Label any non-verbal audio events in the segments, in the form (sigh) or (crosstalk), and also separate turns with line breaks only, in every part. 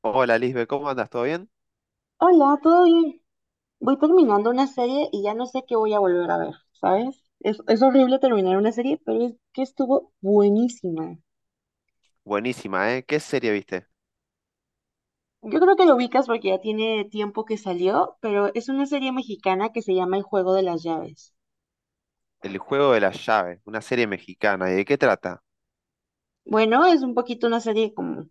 Hola Lisbe, ¿cómo andas? ¿Todo bien?
Hola, ¿todo bien? Voy terminando una serie y ya no sé qué voy a volver a ver, ¿sabes? Es horrible terminar una serie, pero es que estuvo buenísima.
Buenísima, ¿eh? ¿Qué serie viste?
Yo creo que lo ubicas porque ya tiene tiempo que salió, pero es una serie mexicana que se llama El Juego de las Llaves.
El juego de la llave, una serie mexicana. ¿Y de qué trata?
Bueno, es un poquito una serie como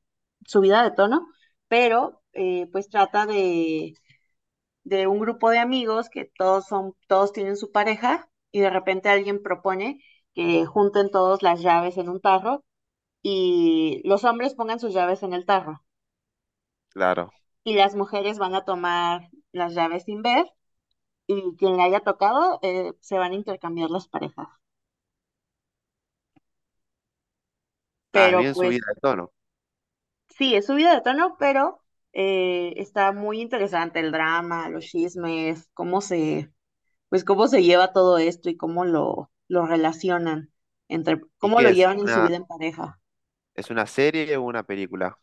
subida de tono, pero pues trata de un grupo de amigos que todos son, todos tienen su pareja y de repente alguien propone que junten todos las llaves en un tarro y los hombres pongan sus llaves en el tarro
Claro.
y las mujeres van a tomar las llaves sin ver y quien le haya tocado se van a intercambiar las parejas.
Ah, es
Pero
bien
pues
subida de tono.
sí, es subida de tono, pero está muy interesante el drama, los chismes, cómo se, pues cómo se lleva todo esto y cómo lo relacionan entre,
¿Y
cómo
qué
lo
es?
llevan en su vida en pareja.
¿Es una serie o una película?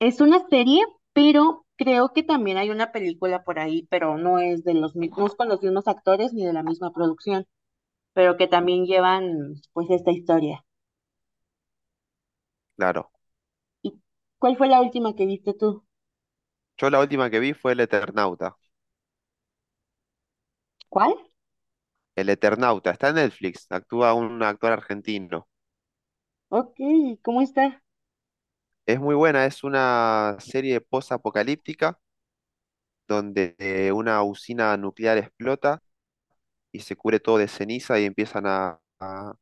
Es una serie, pero creo que también hay una película por ahí, pero no es de los mi- no es con los mismos actores ni de la misma producción, pero que
Mm,
también llevan pues esta historia.
claro.
¿Y cuál fue la última que viste tú?
Yo la última que vi fue El Eternauta.
¿Cuál?
El Eternauta, está en Netflix, actúa un actor argentino.
Ok, ¿cómo está?
Es muy buena, es una serie post-apocalíptica donde una usina nuclear explota y se cubre todo de ceniza y empiezan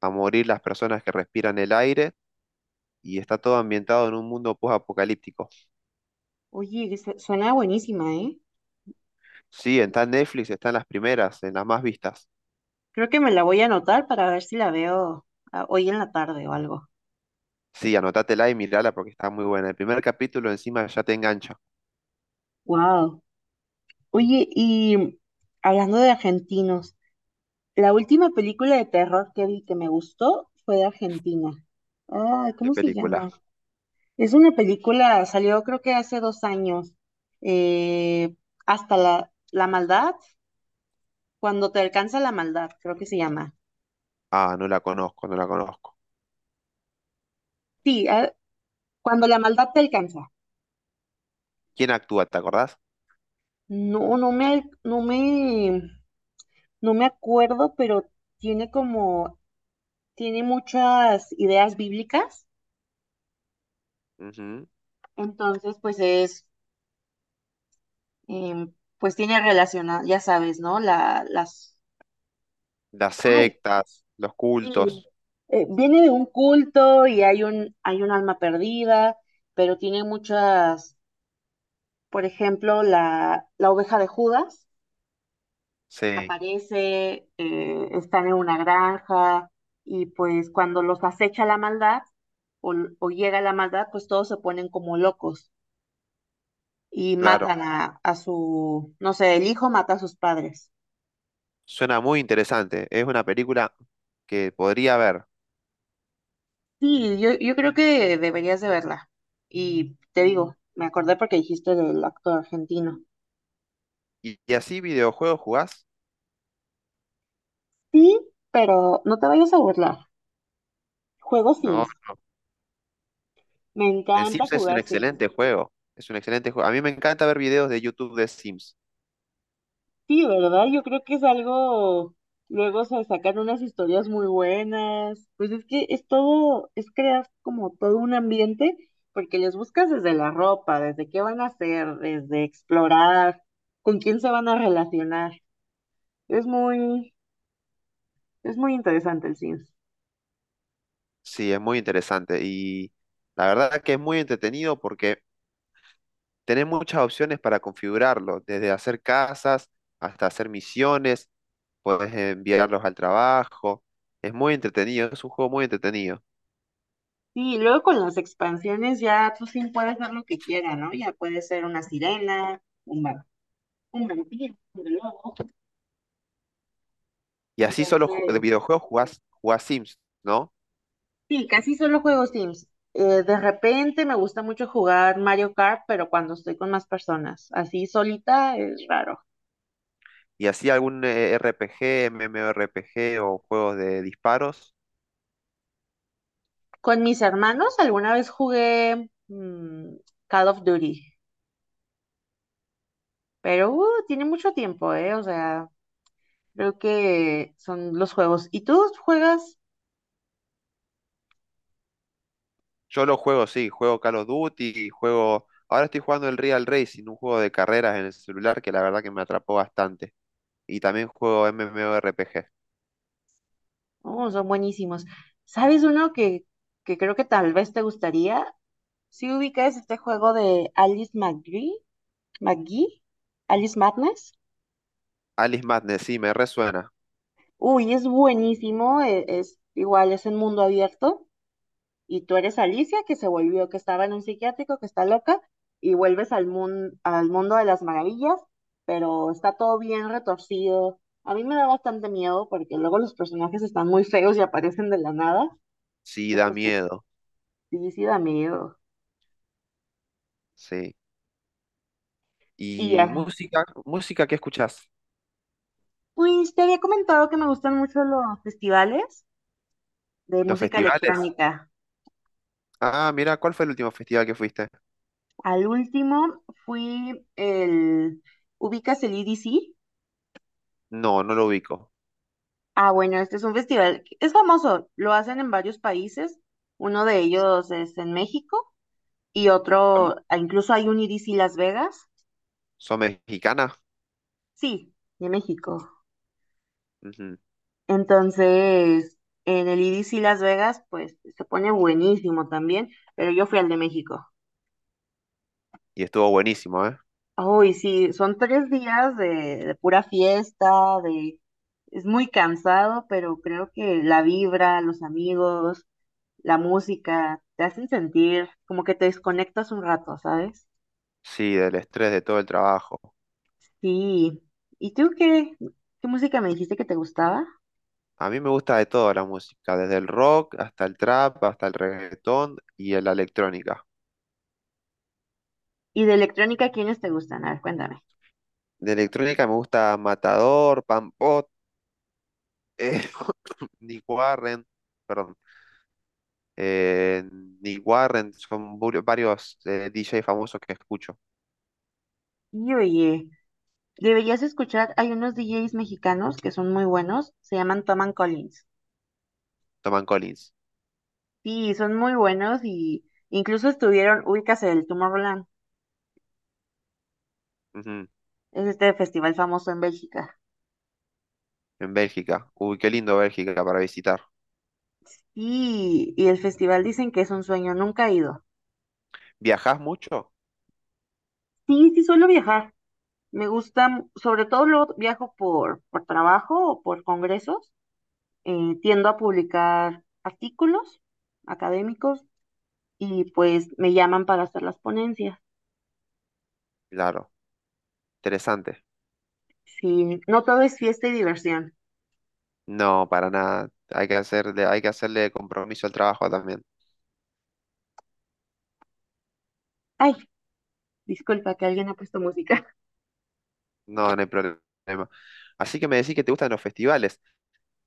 a morir las personas que respiran el aire y está todo ambientado en un mundo post-apocalíptico.
Oye, se- suena buenísima, ¿eh?
Sí, está en Netflix, está en las primeras, en las más vistas.
Creo que me la voy a anotar para ver si la veo hoy en la tarde o algo.
Sí, anótatela y mirala porque está muy buena. El primer capítulo encima ya te engancha.
Wow. Oye, y hablando de argentinos. La última película de terror que vi que me gustó fue de Argentina. Ay,
¿Qué
¿cómo se
película?
llama? Es una película, salió creo que hace dos años. eh, Hasta la, la maldad, cuando te alcanza la maldad, creo que se llama.
Ah, no la conozco, no la conozco.
Sí, ah, cuando la maldad te alcanza.
¿Quién actúa? ¿Te acordás?
No, no me, no, no me acuerdo, pero tiene como, tiene muchas ideas bíblicas.
Ujú.
Entonces, pues es em, pues tiene relacionado, ya sabes, ¿no? La, las,
Las
ay,
sectas, los
sí,
cultos.
viene de un culto y hay un alma perdida, pero tiene muchas, por ejemplo, la oveja de Judas
Sí,
aparece, están en una granja y pues cuando los acecha la maldad o llega la maldad, pues todos se ponen como locos y
claro.
matan a su, no sé, el hijo mata a sus padres.
Suena muy interesante. Es una película que podría ver.
Sí, yo creo que deberías de verla. Y te digo, me acordé porque dijiste del actor argentino.
¿Y así videojuegos jugás?
Sí, pero no te vayas a burlar. Juego
No,
Sims. Me
el
encanta
Sims es un
jugar Sims.
excelente juego. Es un excelente juego. A mí me encanta ver videos de YouTube de Sims.
Sí, ¿verdad? Yo creo que es algo... Luego se sacan unas historias muy buenas. Pues es que es todo, es crear como todo un ambiente, porque les buscas desde la ropa, desde qué van a hacer, desde explorar, con quién se van a relacionar. Es muy, es muy interesante el Sims.
Sí, es muy interesante y la verdad que es muy entretenido porque tenés muchas opciones para configurarlo, desde hacer casas hasta hacer misiones, puedes enviarlos al trabajo, es muy entretenido, es un juego muy entretenido.
Sí, luego con las expansiones ya tú sí puedes ver lo que quieras, ¿no? Ya puede ser una sirena, un, va- un vampiro, un lobo.
Y así de
Entonces,
videojuegos jugás Sims, ¿no?
sí, casi solo juego Sims. De repente me gusta mucho jugar Mario Kart, pero cuando estoy con más personas, así solita es raro.
Y así algún RPG, MMORPG o juegos de disparos.
Con mis hermanos alguna vez jugué Call of Duty, pero tiene mucho tiempo, ¿eh? O sea, creo que son los juegos. ¿Y tú juegas?
Yo lo juego, sí, juego Call of Duty, juego... Ahora estoy jugando el Real Racing, un juego de carreras en el celular que la verdad que me atrapó bastante. Y también juego MMORPG.
Oh, son buenísimos. ¿Sabes uno que creo que tal vez te gustaría? Si ubicas este juego de Alice McGee, McGee, Alice Madness.
Alice Madness, sí, me resuena.
Uy, es buenísimo, e- es, igual, es en mundo abierto. Y tú eres Alicia, que se volvió, que estaba en un psiquiátrico, que está loca, y vuelves al, mun- al mundo de las maravillas, pero está todo bien retorcido. A mí me da bastante miedo porque luego los personajes están muy feos y aparecen de la nada.
Sí, da
Eso sí,
miedo.
sí, sí da miedo.
Sí.
Y
¿Y
ya.
música? ¿Música qué escuchás?
Pues te había comentado que me gustan mucho los festivales de
¿Los
música
festivales?
electrónica.
Ah, mira, ¿cuál fue el último festival que fuiste?
Al último fui el... ¿Ubicas el E D C
No, no lo ubico.
Ah, bueno, este es un festival, que- es famoso, lo hacen en varios países, uno de ellos es en México y
Am-
otro, ah, incluso hay un E D C Las Vegas,
¿Son mexicanas?
sí, de México.
Ujú.
Entonces, en el E D C Las Vegas, pues se pone buenísimo también, pero yo fui al de México.
Y estuvo buenísimo, ¿eh?
Uy, sí, son tres días de pura fiesta, de... Es muy cansado, pero creo que la vibra, los amigos, la música, te hacen sentir como que te desconectas un rato, ¿sabes?
Sí, del estrés de todo el trabajo.
Sí. ¿Y tú qué, qué música me dijiste que te gustaba?
A mí me gusta de todo la música, desde el rock hasta el trap, hasta el reggaetón y la electrónica.
¿Y de electrónica quiénes te gustan? A ver, cuéntame.
De electrónica me gusta Matador, Pampot, (laughs) eh, (coughs) Nick Warren, perdón. eh, Nick Warren, son varios DJ famosos que escucho.
Y oye, deberías escuchar, hay unos DJs mexicanos que son muy buenos, se llaman Tom and Collins.
Toman Collins.
Sí, son muy buenos y incluso estuvieron, ubícase el Tomorrowland.
Ujú.
Es este festival famoso en Bélgica.
En Bélgica. Uy, qué lindo Bélgica para visitar.
Y el festival dicen que es un sueño, nunca he ido.
¿Viajás mucho?
Sí, sí suelo viajar. Me gusta, m- sobre todo lo viajo por trabajo o por congresos. Tiendo a publicar artículos académicos y pues me llaman para hacer las ponencias.
Claro, interesante.
Sí, no todo es fiesta y diversión.
No, para nada. Hay que hacerle compromiso al trabajo también.
Ay, disculpa que alguien ha puesto música.
No, no hay problema. Así que me decís que te gustan los festivales.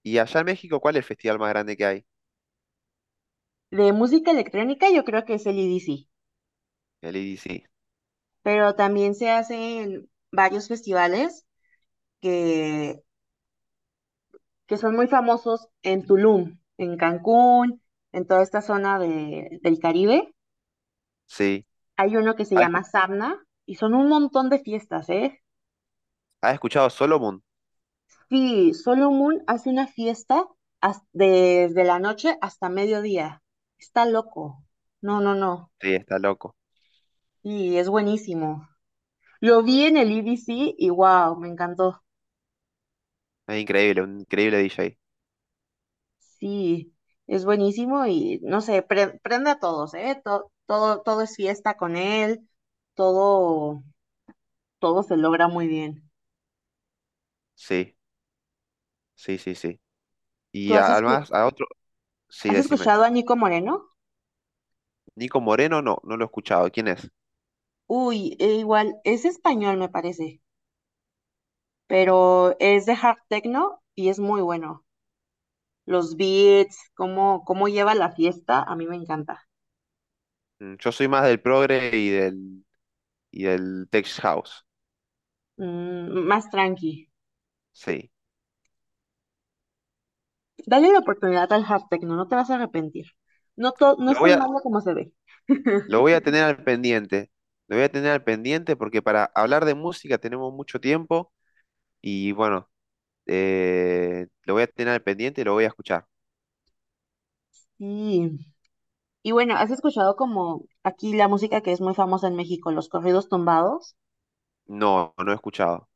¿Y allá en México cuál es el festival más grande que hay?
(laughs) De música electrónica yo creo que es el IDC,
El I D C.
pero también se hacen varios festivales que que son muy famosos en Tulum, en Cancún, en toda esta zona de- del Caribe.
Sí.
Hay uno que se
¿Has
llama Sabna y son un montón de fiestas, ¿eh?
has escuchado Solomon?
Sí, Solomon hace una fiesta has- desde la noche hasta mediodía. Está loco. No, no, no.
Sí, está loco.
Y es buenísimo. Lo vi en el IBC y wow, me encantó.
Es increíble, un increíble DJ.
Sí, es buenísimo y no sé, pre- prende a todos, ¿eh? To- todo, todo es fiesta con él, todo todo se logra muy bien.
Sí, sí, sí, sí.
¿Tú
Y
has, escu-
además a otro, sí,
has
decime.
escuchado a Nico Moreno?
Nico Moreno, no, no lo he escuchado. ¿Quién es?
Uy, e igual, es español me parece, pero es de hard techno y es muy bueno. Los beats, cómo, cómo lleva la fiesta, a mí me encanta.
Yo soy más del progre y del tech house.
Mm, más tranqui.
Sí.
Dale la oportunidad al hard techno, no te vas a arrepentir. No, to- no
Lo
es
voy
tan
a,
malo como se ve.
lo voy a tener al pendiente. Lo voy a tener al pendiente porque para hablar de música tenemos mucho tiempo y bueno, lo voy a tener al pendiente y lo voy a escuchar.
Sí. Y bueno, ¿has escuchado como aquí la música que es muy famosa en México, los corridos tumbados?
No, no he escuchado.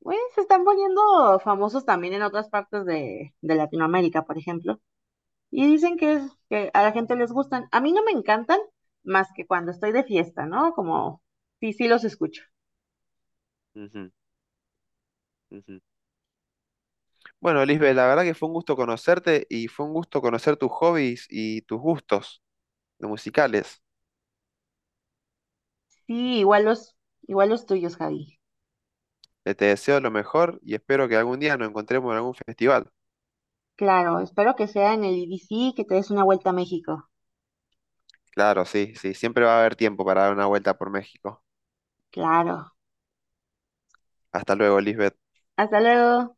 Pues se están poniendo famosos también en otras partes de Latinoamérica, por ejemplo, y dicen que, es, que a la gente les gustan. A mí no me encantan más que cuando estoy de fiesta, ¿no? Como, sí, sí los escucho.
Ujú, ujú. Bueno, Lisbeth, la verdad que fue un gusto conocerte y fue un gusto conocer tus hobbies y tus gustos musicales.
Sí, igual los tuyos, Javi.
Te deseo lo mejor y espero que algún día nos encontremos en algún festival.
Claro, espero que sea en el I D C que te des una vuelta a México.
Claro, sí, sí, siempre va a haber tiempo para dar una vuelta por México.
Claro.
Hasta luego, Lisbeth.
Hasta luego.